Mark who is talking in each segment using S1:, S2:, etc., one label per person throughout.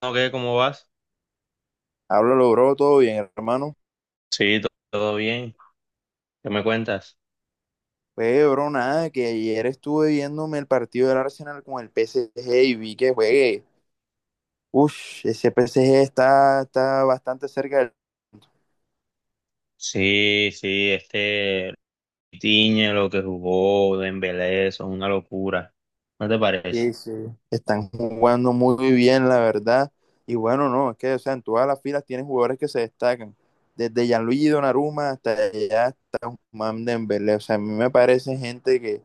S1: ¿O qué? ¿Cómo vas?
S2: Hablo, logró todo bien, hermano.
S1: Sí, todo bien. ¿Qué me cuentas?
S2: Pues bro nada, que ayer estuve viéndome el partido del Arsenal con el PSG y vi que juegue. Uff, ese PSG está bastante cerca del...
S1: Sí, sí, Tiñe, lo que jugó Dembélé, eso es una locura. ¿No te parece?
S2: Sí, sí. Están jugando muy bien, la verdad. Y bueno, no, es que, o sea, en todas las filas tienen jugadores que se destacan. Desde Gianluigi Donnarumma hasta ya Mam Dembélé. O sea, a mí me parece gente que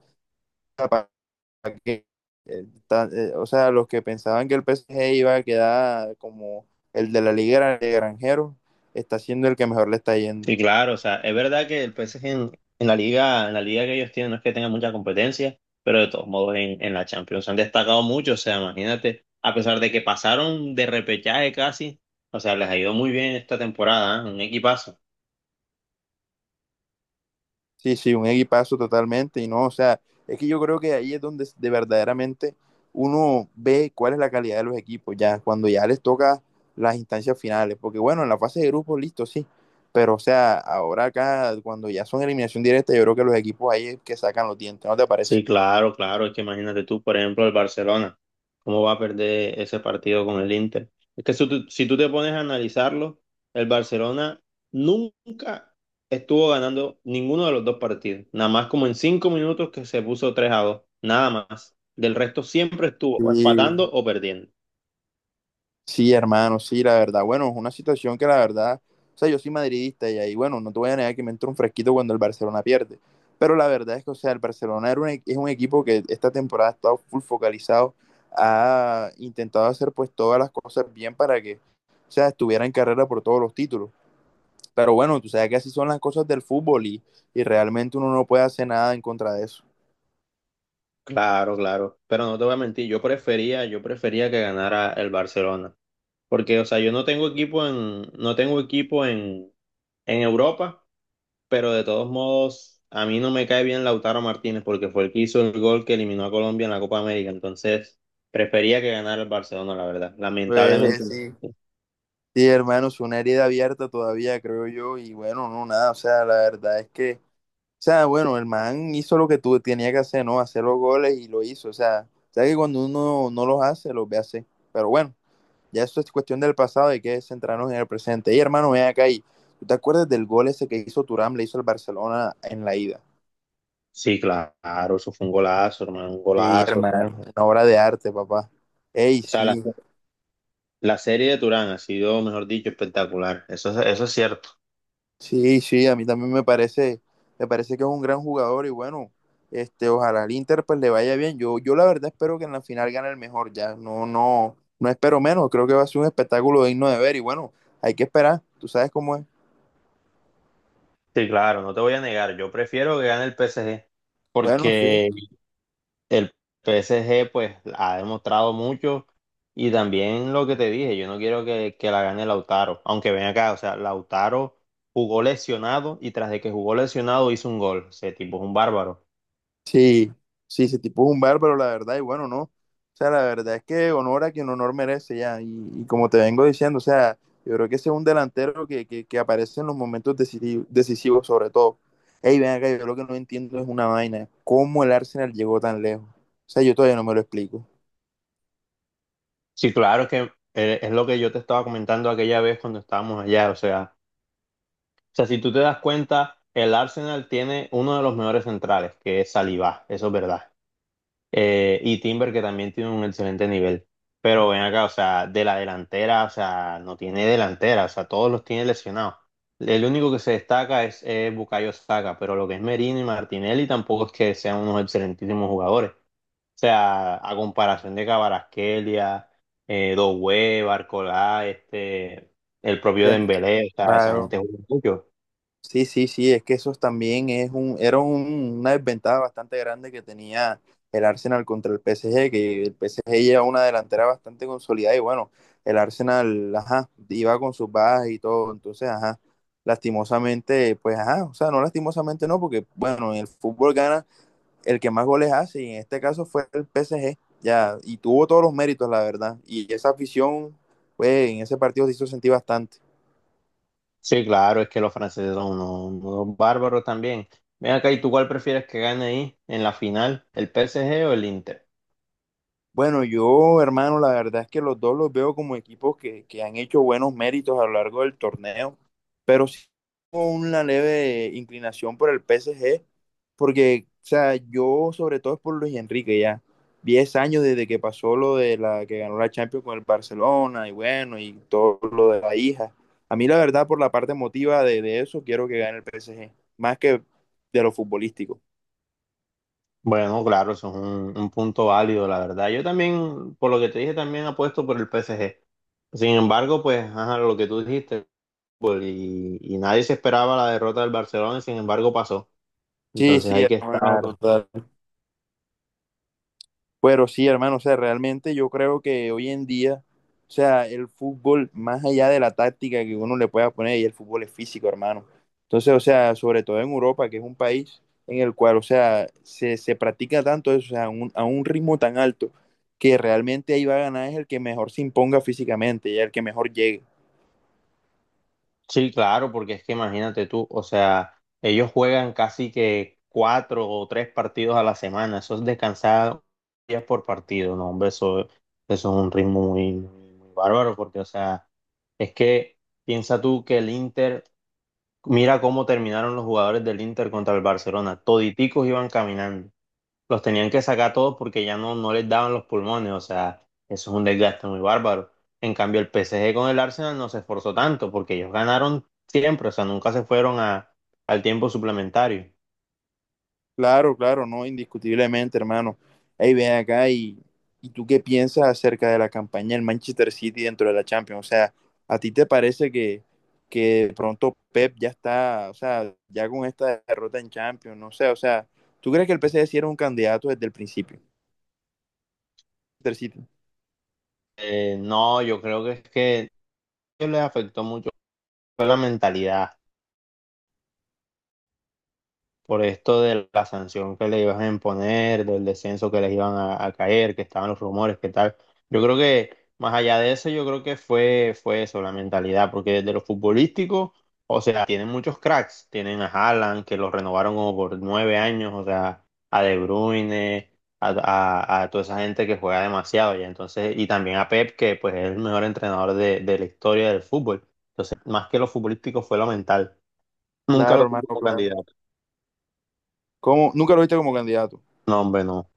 S2: que, o sea, los que pensaban que el PSG iba a quedar como el de la Liga de Granjeros, está siendo el que mejor le está yendo.
S1: Sí, claro, o sea, es verdad que el PSG en la liga, en la liga que ellos tienen no es que tengan mucha competencia, pero de todos modos en la Champions han destacado mucho, o sea, imagínate, a pesar de que pasaron de repechaje casi, o sea, les ha ido muy bien esta temporada, ¿eh? Un equipazo.
S2: Sí, sí, un equipazo totalmente. Y no, o sea, es que yo creo que ahí es donde de verdaderamente uno ve cuál es la calidad de los equipos, ya cuando ya les toca las instancias finales. Porque bueno, en la fase de grupos, listo, sí. Pero, o sea, ahora acá, cuando ya son eliminación directa, yo creo que los equipos ahí es que sacan los dientes, ¿no te parece?
S1: Sí, claro, claro. Es que imagínate tú, por ejemplo, el Barcelona, cómo va a perder ese partido con el Inter. Es que si tú te pones a analizarlo, el Barcelona nunca estuvo ganando ninguno de los dos partidos. Nada más como en 5 minutos que se puso 3 a 2. Nada más. Del resto siempre estuvo o
S2: Sí,
S1: empatando o perdiendo.
S2: sí, hermano, sí, la verdad. Bueno, es una situación que la verdad, o sea, yo soy madridista y ahí, bueno, no te voy a negar que me entra un fresquito cuando el Barcelona pierde. Pero la verdad es que, o sea, el Barcelona es un equipo que esta temporada ha estado full focalizado, ha intentado hacer pues todas las cosas bien para que, o sea, estuviera en carrera por todos los títulos. Pero bueno, tú sabes que así son las cosas del fútbol y realmente uno no puede hacer nada en contra de eso.
S1: Claro, claro. Pero no te voy a mentir, yo prefería que ganara el Barcelona. Porque, o sea, yo no tengo equipo en, no tengo equipo en Europa. Pero de todos modos, a mí no me cae bien Lautaro Martínez porque fue el que hizo el gol que eliminó a Colombia en la Copa América. Entonces, prefería que ganara el Barcelona, la verdad. Lamentablemente.
S2: Pues sí. Sí, hermano, es una herida abierta todavía, creo yo, y bueno, no, nada, o sea, la verdad es que o sea, bueno, el man hizo lo que tú tenía que hacer, ¿no? Hacer los goles y lo hizo. O sea, sabes que cuando uno no los hace, los ve hacer. Pero bueno, ya eso es cuestión del pasado, hay que centrarnos en el presente. Y hermano, ven acá y ¿tú te acuerdas del gol ese que hizo Turam, le hizo el Barcelona en la ida?
S1: Sí, claro, eso fue un golazo, hermano, un
S2: Sí,
S1: golazo. O sea,
S2: hermano, una obra de arte, papá. Ey,
S1: o sea, la,
S2: sí,
S1: la serie de Turán ha sido, mejor dicho, espectacular. Eso, eso es cierto.
S2: sí, sí, a mí también me parece que es un gran jugador y bueno, este, ojalá al Inter pues le vaya bien. Yo la verdad espero que en la final gane el mejor ya. No, no, no espero menos. Creo que va a ser un espectáculo digno de ver y bueno, hay que esperar. Tú sabes cómo es.
S1: Sí, claro, no te voy a negar. Yo prefiero que gane el PSG
S2: Bueno, sí.
S1: porque el PSG pues ha demostrado mucho y también lo que te dije, yo no quiero que la gane Lautaro, aunque ven acá, o sea, Lautaro jugó lesionado y tras de que jugó lesionado hizo un gol, ese tipo es un bárbaro.
S2: Sí, sí, ese tipo es un bárbaro, la verdad, y bueno, no. O sea, la verdad es que honor a quien honor merece ya. Y como te vengo diciendo, o sea, yo creo que ese es un delantero que aparece en los momentos decisivos, sobre todo. Ey, ven acá, yo lo que no entiendo es una vaina. ¿Cómo el Arsenal llegó tan lejos? O sea, yo todavía no me lo explico.
S1: Sí, claro que es lo que yo te estaba comentando aquella vez cuando estábamos allá, o sea, si tú te das cuenta, el Arsenal tiene uno de los mejores centrales, que es Saliba, eso es verdad. Y Timber, que también tiene un excelente nivel. Pero ven acá, o sea, de la delantera, o sea, no tiene delantera, o sea, todos los tiene lesionados. El único que se destaca es, Bukayo Saka, pero lo que es Merino y Martinelli tampoco es que sean unos excelentísimos jugadores. O sea, a comparación de Kvaratskhelia, Doué, Barcola, el propio
S2: Tem-
S1: Dembélé, o sea, esa gente
S2: Claro.
S1: juega mucho.
S2: Sí, sí, sí, es que eso también es un, era un- una desventaja bastante grande que tenía el Arsenal contra el PSG, que el PSG lleva una delantera bastante consolidada y bueno, el Arsenal, ajá, iba con sus bajas y todo, entonces, ajá, lastimosamente, pues, ajá, o sea, no lastimosamente no, porque bueno, en el fútbol gana el que más goles hace y en este caso fue el PSG, ya, y tuvo todos los méritos, la verdad, y esa afición, pues, en ese partido se hizo sentir bastante.
S1: Sí, claro, es que los franceses son unos, unos bárbaros también. Ven acá, ¿y tú cuál prefieres que gane ahí en la final, el PSG o el Inter?
S2: Bueno, yo, hermano, la verdad es que los dos los veo como equipos que han hecho buenos méritos a lo largo del torneo, pero sí tengo una leve inclinación por el PSG, porque, o sea, yo sobre todo es por Luis Enrique ya, 10 años desde que pasó lo de la que ganó la Champions con el Barcelona y bueno, y todo lo de la hija. A mí la verdad, por la parte emotiva de eso, quiero que gane el PSG, más que de lo futbolístico.
S1: Bueno, claro, eso es un punto válido, la verdad. Yo también, por lo que te dije, también apuesto por el PSG. Sin embargo, pues, ajá, lo que tú dijiste, pues, y nadie se esperaba la derrota del Barcelona, y sin embargo pasó.
S2: Sí,
S1: Entonces
S2: sí,
S1: hay que
S2: hermano,
S1: estar.
S2: total. Pero sí, hermano, o sea, realmente yo creo que hoy en día, o sea, el fútbol, más allá de la táctica que uno le pueda poner, y el fútbol es físico, hermano. Entonces, o sea, sobre todo en Europa, que es un país en el cual, o sea, se practica tanto eso, o sea, a un ritmo tan alto, que realmente ahí va a ganar es el que mejor se imponga físicamente y el que mejor llegue.
S1: Sí, claro, porque es que imagínate tú, o sea, ellos juegan casi que cuatro o tres partidos a la semana, eso es descansar días por partido, no, hombre, eso es un ritmo muy, muy, muy bárbaro, porque, o sea, es que piensa tú que el Inter, mira cómo terminaron los jugadores del Inter contra el Barcelona, toditicos iban caminando, los tenían que sacar todos porque ya no les daban los pulmones, o sea, eso es un desgaste muy bárbaro. En cambio, el PSG con el Arsenal no se esforzó tanto porque ellos ganaron siempre, o sea, nunca se fueron a, al tiempo suplementario.
S2: Claro, claro, no, indiscutiblemente, hermano. Ahí ven acá y tú qué piensas acerca de la campaña del Manchester City dentro de la Champions. O sea, ¿a ti te parece que de pronto Pep ya está, o sea, ya con esta derrota en Champions? No sé, o sea, ¿tú crees que el PSG sí era un candidato desde el principio? Manchester City.
S1: No, yo creo que es que a ellos les afectó mucho fue la mentalidad. Por esto de la sanción que le iban a imponer, del descenso que les iban a caer, que estaban los rumores, que tal. Yo creo que más allá de eso, yo creo que fue eso, la mentalidad, porque desde lo futbolístico, o sea, tienen muchos cracks, tienen a Haaland, que lo renovaron como por 9 años, o sea, a De Bruyne, a, a toda esa gente que juega demasiado, ya entonces, y también a Pep, que pues es el mejor entrenador de la historia del fútbol. Entonces, más que lo futbolístico fue lo mental. Nunca
S2: Claro,
S1: lo tuve
S2: hermano,
S1: como
S2: claro.
S1: candidato.
S2: ¿Cómo? ¿Nunca lo viste como candidato?
S1: No, hombre, no.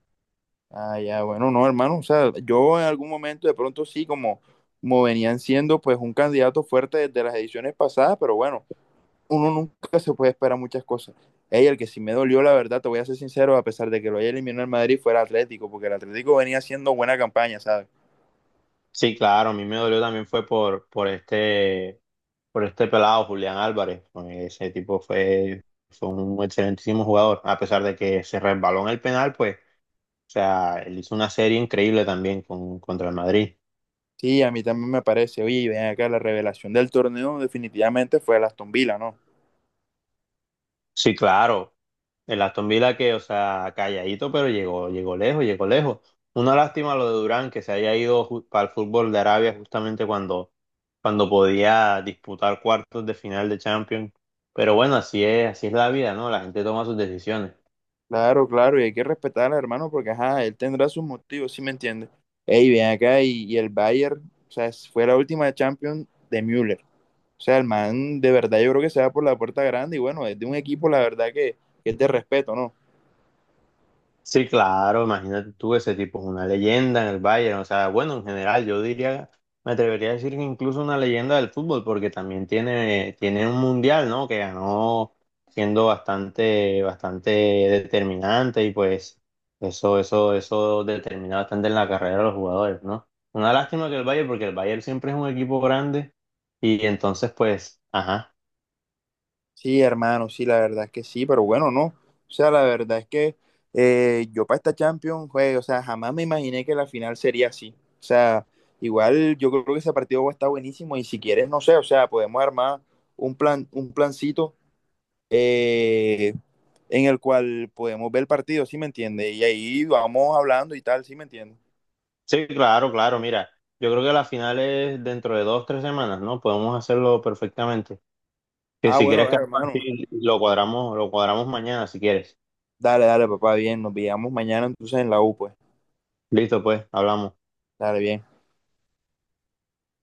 S2: Ah, ya, bueno, no, hermano. O sea, yo en algún momento de pronto sí, como venían siendo pues un candidato fuerte desde las ediciones pasadas, pero bueno. Uno nunca se puede esperar muchas cosas. Ey, el que sí me dolió, la verdad, te voy a ser sincero, a pesar de que lo haya eliminado el Madrid, fue el Atlético, porque el Atlético venía haciendo buena campaña, ¿sabes?
S1: Sí, claro, a mí me dolió también fue por este pelado Julián Álvarez. Pues, ese tipo fue un excelentísimo jugador, a pesar de que se resbaló en el penal, pues, o sea, él hizo una serie increíble también con, contra el Madrid.
S2: Sí, a mí también me parece. Oye, ven acá, la revelación del torneo definitivamente fue el Aston Villa, ¿no?
S1: Sí, claro, el Aston Villa que, o sea, calladito, pero llegó, llegó lejos, llegó lejos. Una lástima lo de Durán, que se haya ido para el fútbol de Arabia justamente cuando, cuando podía disputar cuartos de final de Champions. Pero bueno, así es la vida, ¿no? La gente toma sus decisiones.
S2: Claro, claro, y hay que respetar al hermano porque, ajá, él tendrá sus motivos, ¿sí me entiendes? Ey, ven acá, y el Bayern, o sea, fue la última Champions de Müller. O sea, el man, de verdad, yo creo que se va por la puerta grande y bueno, es de un equipo, la verdad, que es de respeto, ¿no?
S1: Sí, claro, imagínate tú, ese tipo es una leyenda en el Bayern, o sea, bueno, en general yo diría, me atrevería a decir que incluso una leyenda del fútbol, porque también tiene un mundial, ¿no? Que ganó siendo bastante, bastante determinante y pues eso determina bastante en la carrera de los jugadores, ¿no? Una lástima que el Bayern, porque el Bayern siempre es un equipo grande y entonces pues, ajá.
S2: Sí, hermano, sí, la verdad es que sí, pero bueno, no. O sea, la verdad es que yo para esta Champions, güey, o sea, jamás me imaginé que la final sería así. O sea, igual yo creo que ese partido va a estar buenísimo y si quieres, no sé, o sea, podemos armar un plan, un plancito eh, en el cual podemos ver el partido, ¿sí me entiendes? Y ahí vamos hablando y tal, ¿sí me entiendes?
S1: Sí, claro, claro, mira, yo creo que la final es dentro de dos, tres semanas, ¿no? Podemos hacerlo perfectamente. Que
S2: Ah,
S1: si
S2: bueno,
S1: quieres que
S2: dale, hermano.
S1: lo cuadramos mañana si quieres.
S2: Dale, dale, papá, bien, nos veamos mañana entonces en la U, pues.
S1: Listo, pues, hablamos.
S2: Dale, bien.